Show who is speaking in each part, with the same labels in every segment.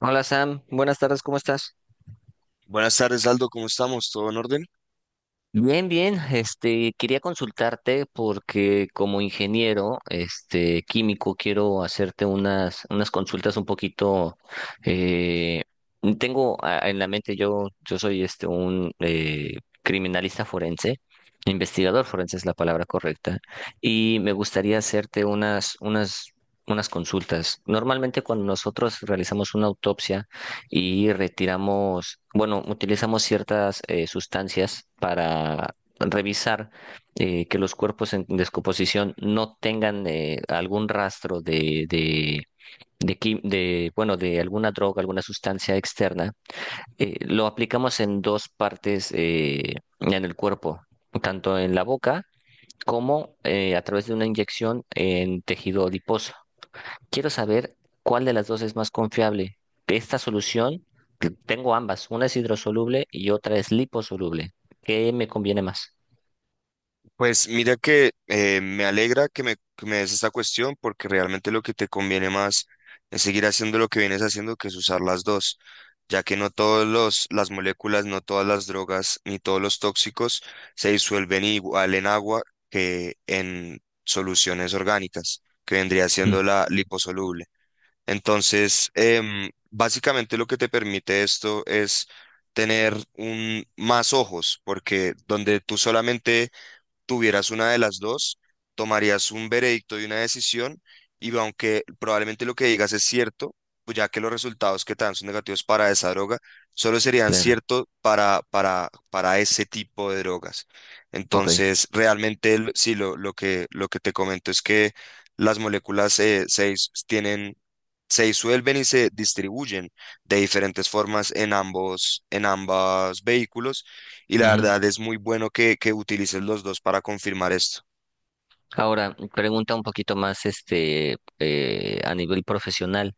Speaker 1: Hola Sam, buenas tardes, ¿cómo estás?
Speaker 2: Buenas tardes, Aldo, ¿cómo estamos? ¿Todo en orden?
Speaker 1: Bien, bien, quería consultarte porque como ingeniero, químico, quiero hacerte unas consultas un poquito, eh, tengo en la mente, yo soy un criminalista forense, investigador forense es la palabra correcta, y me gustaría hacerte unas consultas. Normalmente cuando nosotros realizamos una autopsia, y retiramos, bueno, utilizamos ciertas sustancias para revisar que los cuerpos en descomposición no tengan algún rastro de, bueno, de alguna droga, alguna sustancia externa. Lo aplicamos en dos partes en el cuerpo, tanto en la boca como a través de una inyección en tejido adiposo. Quiero saber cuál de las dos es más confiable. De esta solución, que tengo ambas, una es hidrosoluble y otra es liposoluble. ¿Qué me conviene más?
Speaker 2: Pues mira que me alegra que me des esta cuestión porque realmente lo que te conviene más es seguir haciendo lo que vienes haciendo, que es usar las dos, ya que no todos las moléculas, no todas las drogas, ni todos los tóxicos se disuelven igual en agua que en soluciones orgánicas, que vendría
Speaker 1: Ujú.
Speaker 2: siendo la liposoluble. Entonces, básicamente lo que te permite esto es tener más ojos, porque donde tú solamente tuvieras una de las dos, tomarías un veredicto y una decisión, y aunque probablemente lo que digas es cierto, pues ya que los resultados que te dan son negativos para esa droga, solo serían
Speaker 1: Claro.
Speaker 2: ciertos para ese tipo de drogas.
Speaker 1: Ok.
Speaker 2: Entonces, realmente, sí, lo que te comento es que las moléculas 6 tienen se disuelven y se distribuyen de diferentes formas en ambos vehículos. Y la
Speaker 1: Ujú.
Speaker 2: verdad es muy bueno que utilices los dos para confirmar esto.
Speaker 1: Ahora, pregunta un poquito más a nivel profesional.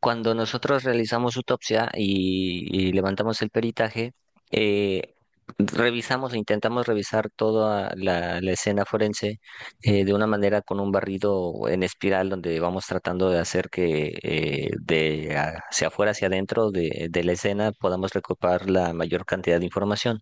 Speaker 1: Cuando nosotros realizamos autopsia y levantamos el peritaje, eh, revisamos e intentamos revisar toda la escena forense, de una manera con un barrido en espiral donde vamos tratando de hacer que de hacia afuera, hacia adentro de la escena podamos recuperar la mayor cantidad de información.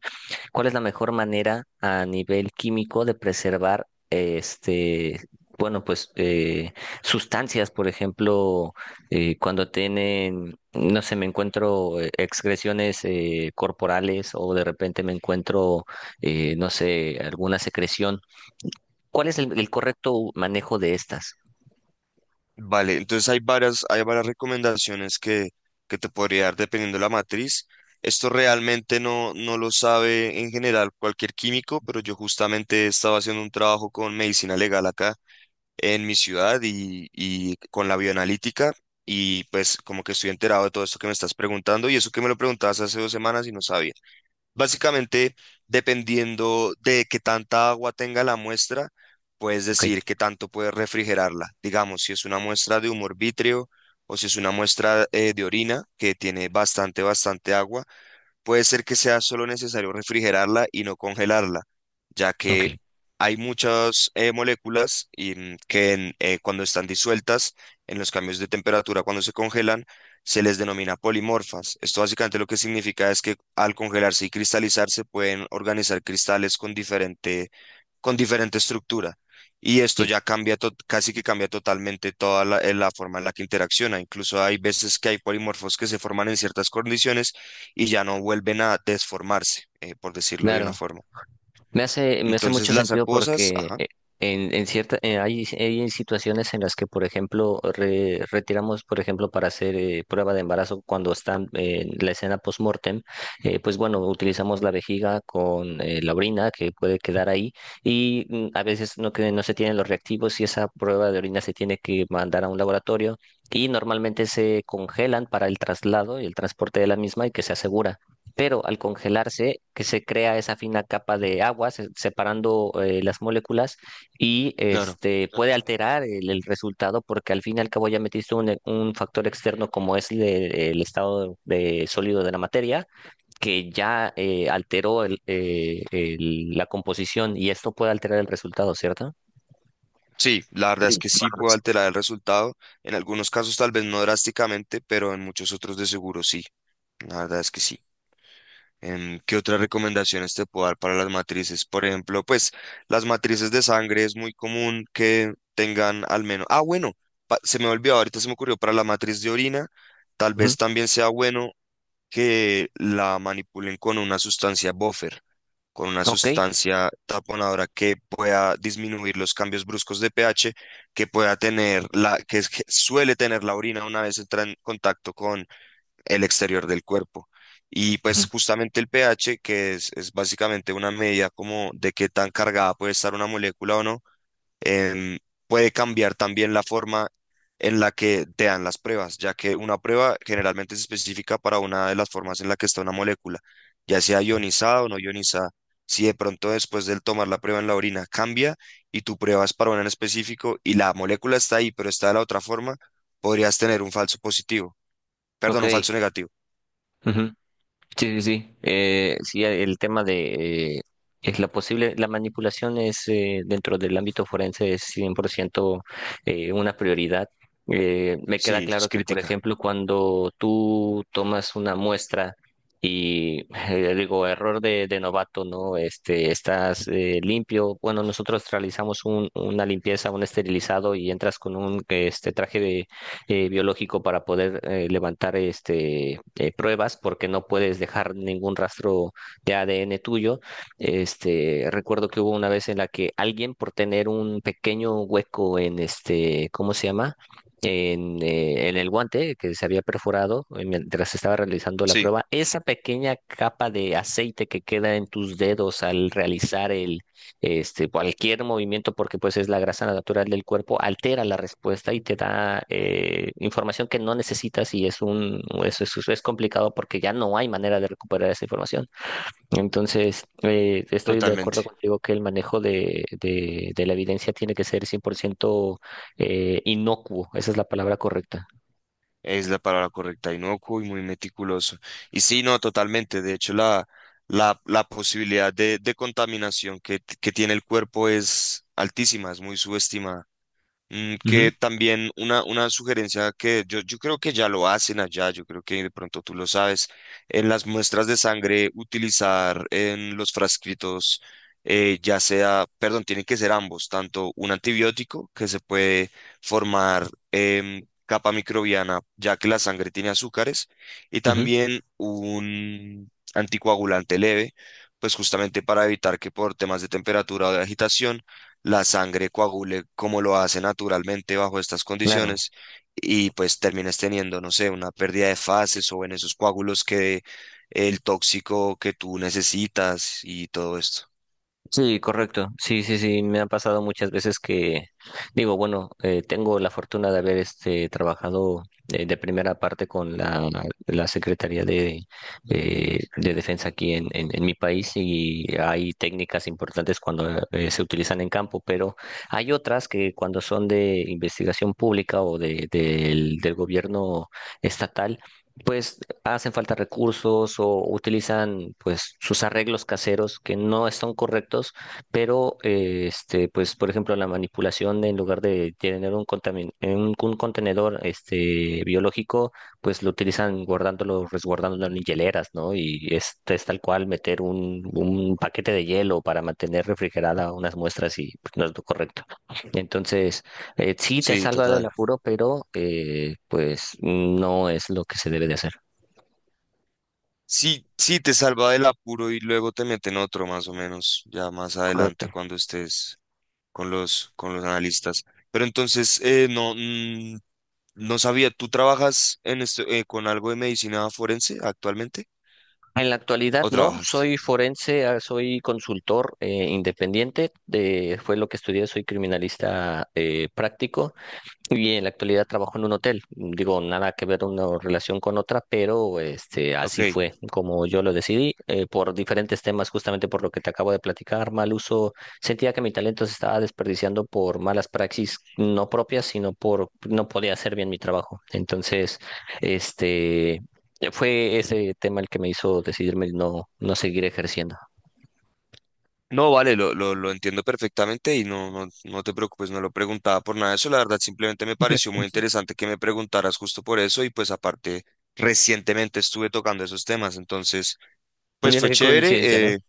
Speaker 1: ¿Cuál es la mejor manera a nivel químico de preservar bueno, pues eh, sustancias? Por ejemplo, cuando tienen, no sé, me encuentro excreciones corporales, o de repente me encuentro, no sé, ¿alguna secreción? ¿Cuál es el correcto manejo de estas?
Speaker 2: Vale, entonces hay varias recomendaciones que te podría dar dependiendo de la matriz. Esto realmente no lo sabe en general cualquier químico, pero yo justamente estaba haciendo un trabajo con medicina legal acá en mi ciudad y con la bioanalítica, y pues como que estoy enterado de todo esto que me estás preguntando, y eso que me lo preguntabas hace dos semanas y no sabía. Básicamente, dependiendo de qué tanta agua tenga la muestra, puedes
Speaker 1: Ok,
Speaker 2: decir qué tanto puedes refrigerarla. Digamos, si es una muestra de humor vítreo, o si es una muestra de orina que tiene bastante agua, puede ser que sea solo necesario refrigerarla y no congelarla, ya
Speaker 1: ok,
Speaker 2: que hay muchas moléculas que cuando están disueltas en los cambios de temperatura, cuando se congelan, se les denomina polimorfas. Esto básicamente lo que significa es que al congelarse y cristalizarse pueden organizar cristales con diferente estructura. Y esto
Speaker 1: sí,
Speaker 2: ya cambia, casi que cambia totalmente toda la forma en la que interacciona. Incluso hay veces que hay polimorfos que se forman en ciertas condiciones y ya no vuelven a desformarse, por decirlo de una
Speaker 1: claro.
Speaker 2: forma.
Speaker 1: Me hace
Speaker 2: Entonces
Speaker 1: mucho
Speaker 2: las
Speaker 1: sentido
Speaker 2: acuosas,
Speaker 1: porque
Speaker 2: ajá,
Speaker 1: en cierta, hay situaciones en las que, por ejemplo, retiramos, por ejemplo, para hacer prueba de embarazo cuando están en la escena post-mortem, pues bueno, utilizamos la vejiga con la orina que puede quedar ahí y a veces no, que, no se tienen los reactivos y esa prueba de orina se tiene que mandar a un laboratorio y normalmente se congelan para el traslado y el transporte de la misma y que se asegura, pero al congelarse, que se crea esa fina capa de agua separando las moléculas y
Speaker 2: claro.
Speaker 1: este puede alterar el resultado, porque al fin y al cabo ya metiste un factor externo como es el estado de sólido de la materia que ya alteró la composición, y esto puede alterar el resultado, ¿cierto?
Speaker 2: Sí, la verdad es que sí puede alterar el resultado. En algunos casos tal vez no drásticamente, pero en muchos otros de seguro sí. La verdad es que sí. ¿Qué otras recomendaciones te puedo dar para las matrices? Por ejemplo, pues las matrices de sangre es muy común que tengan al menos... Ah, bueno, se me olvidó, ahorita se me ocurrió para la matriz de orina, tal
Speaker 1: Ujú.
Speaker 2: vez también sea bueno que la manipulen con una sustancia buffer, con una
Speaker 1: Ok.
Speaker 2: sustancia taponadora que pueda disminuir los cambios bruscos de pH que pueda tener la que suele tener la orina una vez entra en contacto con el exterior del cuerpo. Y
Speaker 1: Ujú.
Speaker 2: pues justamente el pH, es básicamente una medida como de qué tan cargada puede estar una molécula o no, em, puede cambiar también la forma en la que te dan las pruebas, ya que una prueba generalmente es específica para una de las formas en la que está una molécula, ya sea ionizada o no ionizada. Si de pronto después del tomar la prueba en la orina cambia y tu prueba es para una en específico y la molécula está ahí, pero está de la otra forma, podrías tener un falso positivo,
Speaker 1: Ok.
Speaker 2: perdón, un falso negativo.
Speaker 1: Ujú. Sí, sí, sí. Sí, el tema de es la posible, la manipulación es, dentro del ámbito forense, es 100% una prioridad. Me queda
Speaker 2: Sí, es
Speaker 1: claro que, por
Speaker 2: crítica.
Speaker 1: ejemplo, cuando tú tomas una muestra digo, error de novato, ¿no? Estás limpio. Bueno, nosotros realizamos una limpieza, un esterilizado, y entras con un este traje de biológico para poder levantar pruebas, porque no puedes dejar ningún rastro de ADN tuyo. Este, recuerdo que hubo una vez en la que alguien por tener un pequeño hueco en este, ¿cómo se llama? En el guante, que se había perforado mientras estaba realizando la
Speaker 2: Sí,
Speaker 1: prueba, esa pequeña capa de aceite que queda en tus dedos al realizar cualquier movimiento, porque pues es la grasa natural del cuerpo, altera la respuesta y te da información que no necesitas, y es es complicado porque ya no hay manera de recuperar esa información. Entonces, estoy de acuerdo
Speaker 2: totalmente.
Speaker 1: contigo que el manejo de la evidencia tiene que ser 100% inocuo, esa es la palabra correcta.
Speaker 2: Es la palabra correcta, inocuo y muy meticuloso. Y sí, no, totalmente. De hecho, la posibilidad de contaminación que tiene el cuerpo es altísima, es muy subestimada.
Speaker 1: Ujú,
Speaker 2: Que también una sugerencia que yo creo que ya lo hacen allá, yo creo que de pronto tú lo sabes, en las muestras de sangre utilizar en los frascritos, ya sea, perdón, tienen que ser ambos, tanto un antibiótico que se puede formar capa microbiana, ya que la sangre tiene azúcares, y
Speaker 1: ujú.
Speaker 2: también un anticoagulante leve, pues justamente para evitar que por temas de temperatura o de agitación, la sangre coagule como lo hace naturalmente bajo estas
Speaker 1: Claro.
Speaker 2: condiciones, y pues terminas teniendo, no sé, una pérdida de fases o en esos coágulos que el tóxico que tú necesitas y todo esto.
Speaker 1: Sí, correcto. Sí, sí, sí, me ha pasado muchas veces que digo, bueno, tengo la fortuna de haber este trabajado de primera parte con la Secretaría de Defensa aquí en mi país, y hay técnicas importantes cuando se utilizan en campo, pero hay otras que cuando son de investigación pública o del gobierno estatal, pues hacen falta recursos o utilizan pues sus arreglos caseros que no están correctos, pero pues por ejemplo la manipulación, en lugar de tener un un contenedor este biológico, pues lo utilizan guardándolo, resguardándolo en hieleras, ¿no? Y es tal cual meter un paquete de hielo para mantener refrigerada unas muestras y pues, no es lo correcto. Entonces, sí, te
Speaker 2: Sí,
Speaker 1: salva del
Speaker 2: total.
Speaker 1: apuro, pero pues no es lo que se debe de hacer.
Speaker 2: Sí, sí, te salva del apuro y luego te meten otro más o menos, ya más adelante
Speaker 1: Correcto.
Speaker 2: cuando estés con los analistas. Pero entonces, no, no sabía, ¿tú trabajas en esto, con algo de medicina forense actualmente?
Speaker 1: En la actualidad
Speaker 2: ¿O
Speaker 1: no,
Speaker 2: trabajaste?
Speaker 1: soy forense, ah, soy consultor independiente, de, fue lo que estudié, soy criminalista práctico. Y en la actualidad trabajo en un hotel. Digo, nada que ver una relación con otra, pero este,
Speaker 2: Ok.
Speaker 1: así fue como yo lo decidí, por diferentes temas, justamente por lo que te acabo de platicar, mal uso. Sentía que mi talento se estaba desperdiciando por malas praxis no propias, sino por no podía hacer bien mi trabajo. Entonces, este, fue ese tema el que me hizo decidirme no, no seguir ejerciendo.
Speaker 2: No, vale, lo entiendo perfectamente y no, no, no te preocupes, no lo preguntaba por nada de eso, la verdad simplemente me pareció muy interesante que me preguntaras justo por eso, y pues aparte recientemente estuve tocando esos temas, entonces pues
Speaker 1: Mira
Speaker 2: fue
Speaker 1: qué coincidencia, ¿no?
Speaker 2: chévere,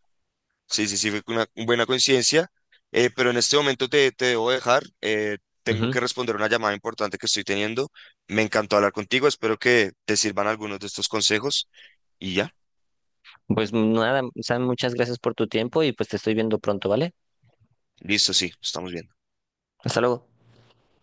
Speaker 2: sí, sí, sí, fue una buena coincidencia, pero en este momento te debo dejar, tengo que
Speaker 1: Ujú.
Speaker 2: responder una llamada importante que estoy teniendo, me encantó hablar contigo, espero que te sirvan algunos de estos consejos y ya,
Speaker 1: Pues nada, Sam, muchas gracias por tu tiempo y pues te estoy viendo pronto, ¿vale?
Speaker 2: listo, sí, estamos bien.
Speaker 1: Hasta luego.